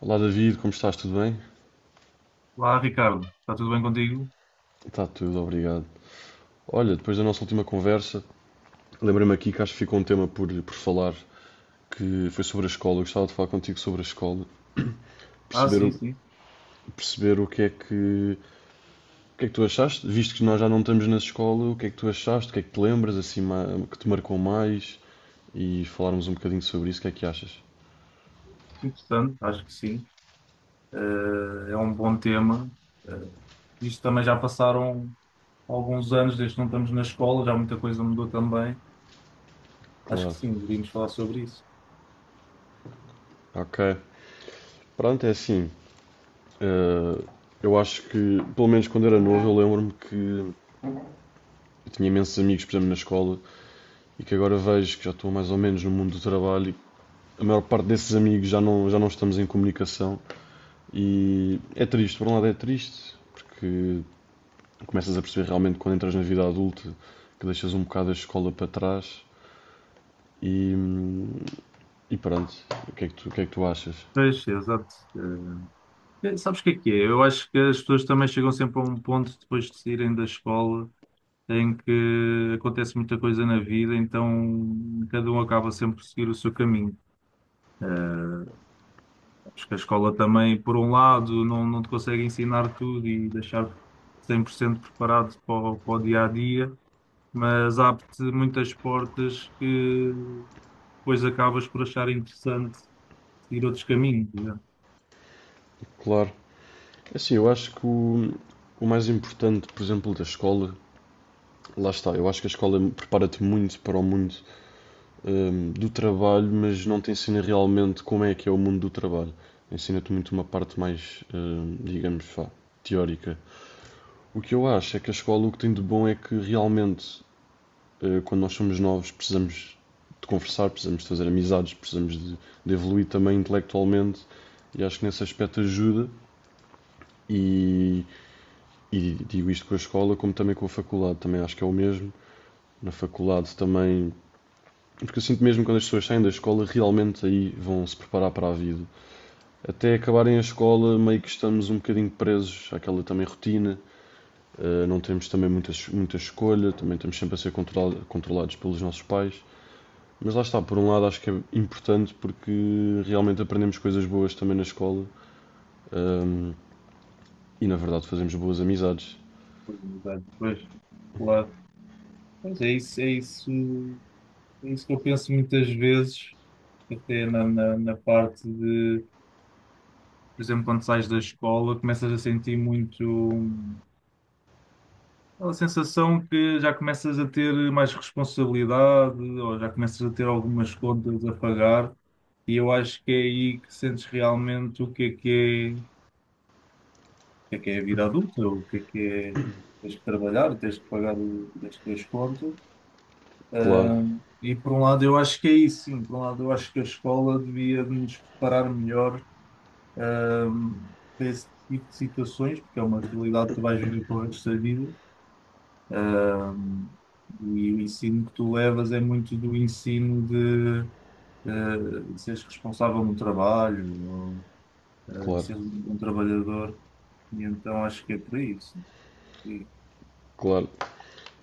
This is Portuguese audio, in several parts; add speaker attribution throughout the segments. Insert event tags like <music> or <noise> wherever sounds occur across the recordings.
Speaker 1: Olá David, como estás? Tudo bem?
Speaker 2: Olá, Ricardo. Está tudo bem contigo?
Speaker 1: Está tudo, obrigado. Olha, depois da nossa última conversa, lembrei-me aqui que acho que ficou um tema por falar, que foi sobre a escola. Eu gostava de falar contigo sobre a escola,
Speaker 2: Ah,
Speaker 1: perceber,
Speaker 2: sim, sim.
Speaker 1: perceber o que é que, o que é que tu achaste, visto que nós já não estamos na escola, o que é que tu achaste, o que é que te lembras, assim, que te marcou mais, e falarmos um bocadinho sobre isso, o que é que achas?
Speaker 2: Interessante, acho que sim. Eh, É um bom tema. Eh, Isto também já passaram alguns anos desde que não estamos na escola, já muita coisa mudou também. Acho que
Speaker 1: Claro,
Speaker 2: sim, deveríamos falar sobre isso.
Speaker 1: ok. Pronto, é assim, eh, eu acho que, pelo menos quando era novo, eu lembro-me que eu tinha imensos amigos, por exemplo, na escola, e que agora vejo que já estou mais ou menos no mundo do trabalho e a maior parte desses amigos já não estamos em comunicação e é triste, por um lado é triste, porque começas a perceber realmente quando entras na vida adulta que deixas um bocado a escola para trás e, e pronto, o que é que tu achas?
Speaker 2: Pois, exato. Sabes o que é que é? Eu acho que as pessoas também chegam sempre a um ponto depois de saírem da escola em que acontece muita coisa na vida, então cada um acaba sempre por seguir o seu caminho. Eh, Acho que a escola também, por um lado, não te consegue ensinar tudo e deixar 100% preparado para para o dia a dia, mas abre-te muitas portas que depois acabas por achar interessante seguir outros caminhos, né?
Speaker 1: Claro, assim, eu acho que o mais importante, por exemplo, da escola, lá está, eu acho que a escola prepara-te muito para o mundo do trabalho, mas não te ensina realmente como é que é o mundo do trabalho. Ensina-te muito uma parte mais, digamos, vá, teórica. O que eu acho é que a escola o que tem de bom é que realmente, quando nós somos novos, precisamos de conversar, precisamos de fazer amizades, de evoluir também intelectualmente e acho que nesse aspecto ajuda. E, e digo isto com a escola, como também com a faculdade, também acho que é o mesmo. Na faculdade também. Porque eu sinto mesmo que quando as pessoas saem da escola, realmente aí vão se preparar para a vida. Até acabarem a escola, meio que estamos um bocadinho presos àquela também rotina. Não temos também muita escolha, também estamos sempre a ser controlados pelos nossos pais. Mas lá está, por um lado acho que é importante porque realmente aprendemos coisas boas também na escola. ehm, e na verdade fazemos boas amizades.
Speaker 2: Pois, claro. Pois é isso, é isso que eu penso muitas vezes, até na parte de, por exemplo, quando sais da escola, começas a sentir muito. Aquela sensação que já começas a ter mais responsabilidade ou já começas a ter algumas contas a pagar, e eu acho que é aí que sentes realmente o que é, o que é a vida adulta, o que é que é. Tens que trabalhar, tens que pagar as tuas contas.
Speaker 1: Claro,
Speaker 2: E por um lado, eu acho que é isso, sim. Por um lado, eu acho que a escola devia nos preparar melhor para esse tipo de situações, porque é uma realidade que tu vais viver para o resto da vida. E o ensino que tu levas é muito do ensino de seres responsável no trabalho, ou,
Speaker 1: claro,
Speaker 2: seres um trabalhador. E então acho que é por isso. Sim,
Speaker 1: claro.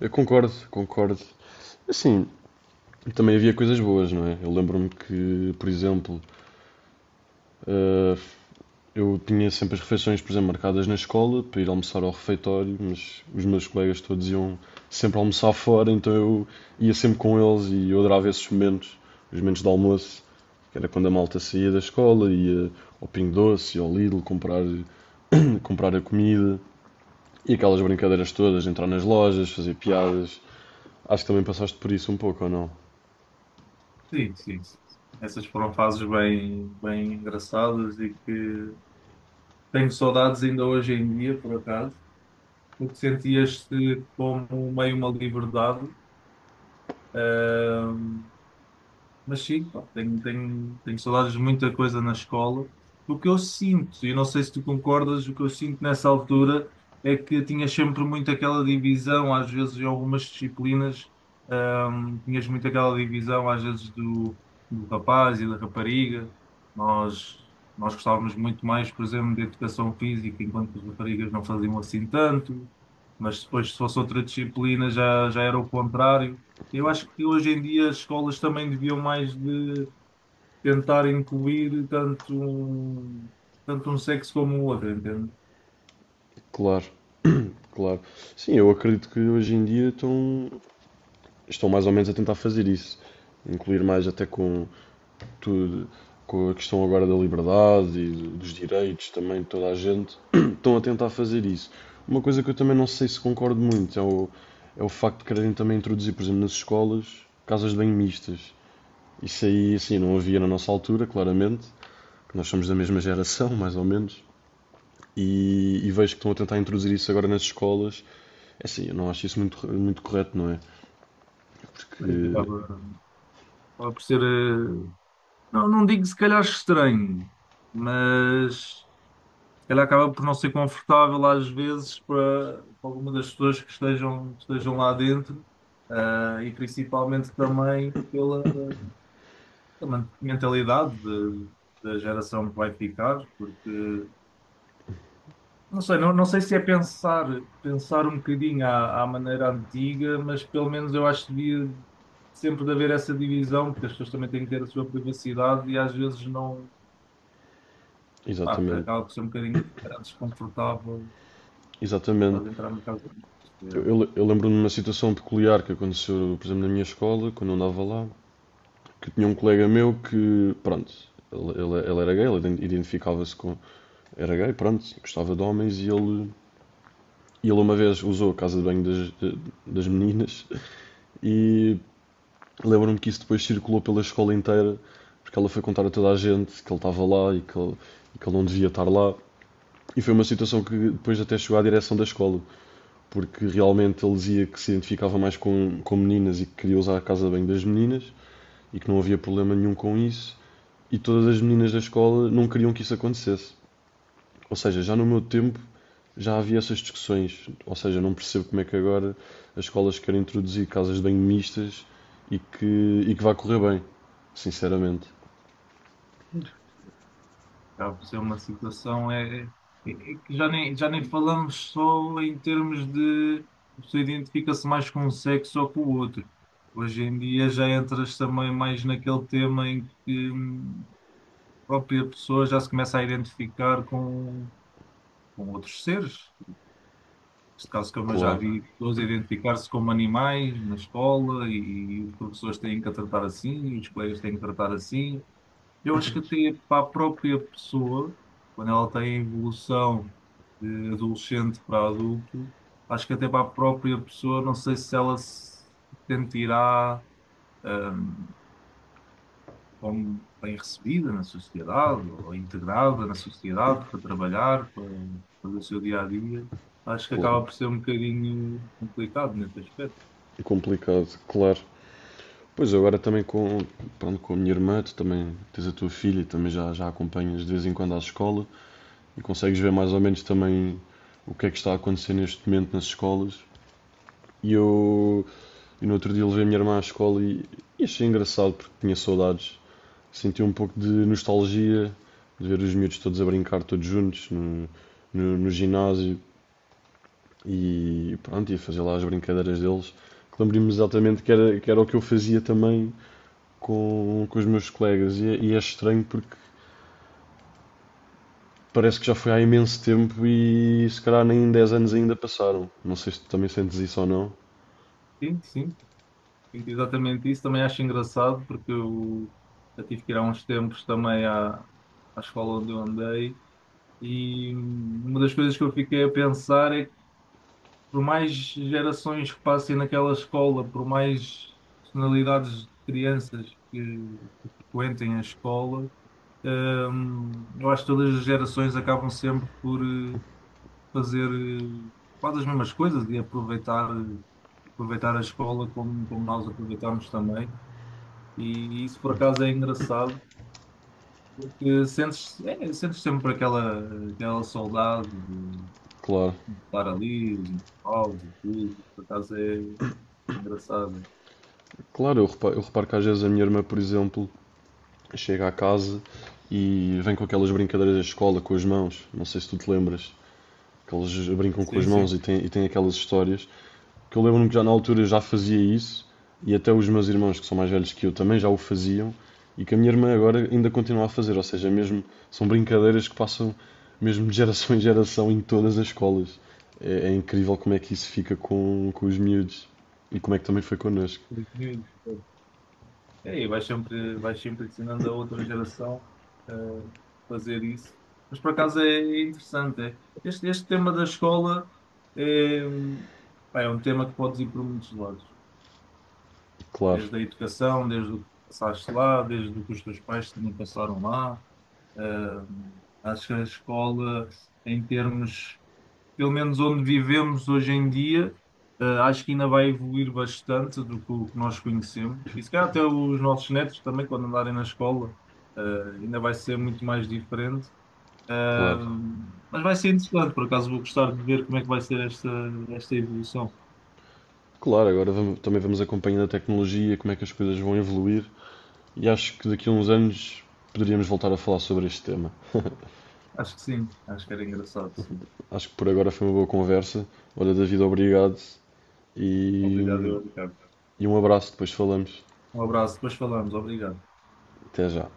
Speaker 1: Eu concordo, concordo. Assim, também havia coisas boas, não é? Eu lembro-me que, por exemplo, eh, eu tinha sempre as refeições, por exemplo, marcadas na escola para ir almoçar ao refeitório, mas os meus colegas todos iam sempre almoçar fora, então eu ia sempre com eles e eu adorava esses momentos, os momentos de almoço, que era quando a malta saía da escola, ia ao Pingo Doce, ia ao Lidl comprar, comprar a comida e aquelas brincadeiras todas, entrar nas lojas, fazer piadas. Acho que também passaste por isso um pouco, ou não?
Speaker 2: sim, sim, sim. Essas foram fases bem engraçadas e que tenho saudades ainda hoje em dia, por acaso, porque sentias-te como meio uma liberdade. Mas sim, pá, tenho saudades de muita coisa na escola. O que eu sinto, e não sei se tu concordas, o que eu sinto nessa altura é que tinha sempre muito aquela divisão, às vezes em algumas disciplinas. Tinhas muito aquela divisão, às vezes, do rapaz e da rapariga. Nós, nós gostávamos muito mais, por exemplo, de educação física, enquanto que as raparigas não faziam assim tanto. Mas depois, se fosse outra disciplina, já era o contrário. Eu acho que hoje em dia as escolas também deviam mais de tentar incluir tanto um sexo como o outro, entende?
Speaker 1: Claro, claro. Sim, eu acredito que hoje em dia estão mais ou menos a tentar fazer isso, incluir mais até com tudo, com a questão agora da liberdade e dos direitos também, toda a gente <clears throat> estão a tentar fazer isso. Uma coisa que eu também não sei se concordo muito é o, é o facto de quererem também introduzir, por exemplo, nas escolas, casas de banho mistas. Isso aí, assim, não havia na nossa altura, claramente, que nós somos da mesma geração, <laughs> mais ou menos, e vejo que estão a tentar introduzir isso agora nas escolas. É assim, eu não acho isso muito correto, não é?
Speaker 2: Mas
Speaker 1: Porque,
Speaker 2: Acaba por ser, não, não digo se calhar estranho, mas ele acaba por não ser confortável às vezes para, para alguma das pessoas que que estejam lá dentro, ah, e principalmente também pela, pela mentalidade da geração que vai ficar, porque não sei, não sei se é pensar um bocadinho à, à maneira antiga, mas pelo menos eu acho que devia sempre de haver essa divisão, porque as pessoas também têm que ter a sua privacidade e às vezes não, pá,
Speaker 1: exatamente,
Speaker 2: acaba por ser um bocadinho desconfortável,
Speaker 1: exatamente.
Speaker 2: estás a entrar no caso.
Speaker 1: Eu lembro-me de uma situação peculiar que aconteceu, por exemplo, na minha escola, quando eu andava lá, que tinha um colega meu que, pronto, ele era gay, ele identificava-se com. Era gay, pronto, gostava de homens e ele. Ele uma vez usou a casa de banho das meninas e lembro-me que isso depois circulou pela escola inteira, porque ela foi contar a toda a gente que ele estava lá e e que ele não devia estar lá. E foi uma situação que depois até chegou à direção da escola. Porque realmente ele dizia que se identificava mais com meninas e que queria usar a casa de banho das meninas e que não havia problema nenhum com isso. E todas as meninas da escola não queriam que isso acontecesse. Ou seja, já no meu tempo já havia essas discussões. Ou seja, não percebo como é que agora as escolas querem introduzir casas de banho mistas e e que vai correr bem. Sinceramente.
Speaker 2: Acaba por ser uma situação é, é que já nem falamos só em termos de a pessoa identifica-se mais com um sexo ou com o outro. Hoje em dia já entras também mais naquele tema em que a própria pessoa já se começa a identificar com outros seres. Neste caso, como eu já
Speaker 1: Claro,
Speaker 2: vi, pessoas a identificar-se como animais na escola, e os professores têm que a tratar assim, e os colegas têm que tratar assim. Eu acho que até para a própria pessoa, quando ela tem a evolução de adolescente para adulto, acho que até para a própria pessoa, não sei se ela se sentirá eh, como bem recebida na sociedade ou integrada na sociedade para trabalhar, para fazer o seu dia a dia. Acho que acaba por
Speaker 1: claro.
Speaker 2: ser um bocadinho complicado nesse aspecto.
Speaker 1: É complicado, claro. Pois agora também com, pronto, com a minha irmã, tu também tens a tua filha e também já a acompanhas de vez em quando às escolas, e consegues ver mais ou menos também o que é que está a acontecer neste momento nas escolas. E eu, e no outro dia, levei a minha irmã à escola e achei engraçado porque tinha saudades. Senti um pouco de nostalgia de ver os miúdos todos a brincar, todos juntos, no ginásio e pronto, ia fazer lá as brincadeiras deles. Lembro-me exatamente que era o que eu fazia também com os meus colegas e é estranho porque parece que já foi há imenso tempo e se calhar nem 10 anos ainda passaram. Não sei se tu também sentes isso ou não.
Speaker 2: Sim, sim, sinto exatamente isso. Também acho engraçado porque eu já tive que ir há uns tempos também à, à escola onde eu andei. E uma das coisas que eu fiquei a pensar é que, por mais gerações que passem naquela escola, por mais personalidades de crianças que frequentem a escola, eu acho que todas as gerações acabam sempre por fazer quase as mesmas coisas e aproveitar a escola como, como nós aproveitamos também. E isso por acaso é engraçado, porque sentes, é, sentes sempre aquela, aquela saudade,
Speaker 1: Claro,
Speaker 2: falar ali, os intervalos e tudo. Por acaso é engraçado.
Speaker 1: claro, eu reparo que às vezes a minha irmã, por exemplo, chega à casa e vem com aquelas brincadeiras da escola com as mãos. Não sei se tu te lembras, que eles brincam com
Speaker 2: Sim,
Speaker 1: as
Speaker 2: sim.
Speaker 1: mãos e e têm aquelas histórias. Porque eu lembro-me que já na altura já fazia isso e até os meus irmãos que são mais velhos que eu também já o faziam e que a minha irmã agora ainda continua a fazer. Ou seja, mesmo são brincadeiras que passam mesmo de geração em todas as escolas. É, é incrível como é que isso fica com os miúdos e como é que também foi connosco.
Speaker 2: Porque, É, e vais sempre ensinando a outra geração a fazer isso. Mas por acaso é interessante. É. Este tema da escola é, pá, é um tema que podes ir por muitos lados.
Speaker 1: Claro,
Speaker 2: Desde a educação, desde o que passaste lá, desde o que os teus pais também passaram lá. Ah, acho que a escola, em termos, pelo menos onde vivemos hoje em dia, acho que ainda vai evoluir bastante do que o que nós conhecemos. E se calhar até os nossos netos também, quando andarem na escola, eh, ainda vai ser muito mais diferente.
Speaker 1: claro.
Speaker 2: Mas vai ser interessante, por acaso vou gostar de ver como é que vai ser esta evolução.
Speaker 1: Claro, agora também vamos acompanhando a tecnologia, como é que as coisas vão evoluir e acho que daqui a uns anos poderíamos voltar a falar sobre este tema.
Speaker 2: Acho que sim, acho que era engraçado, sim.
Speaker 1: Acho que por agora foi uma boa conversa. Olha, David, obrigado.
Speaker 2: Obrigado,
Speaker 1: E,
Speaker 2: eu, Ricardo.
Speaker 1: e um abraço, depois falamos.
Speaker 2: Um abraço, depois falamos, obrigado.
Speaker 1: Até já.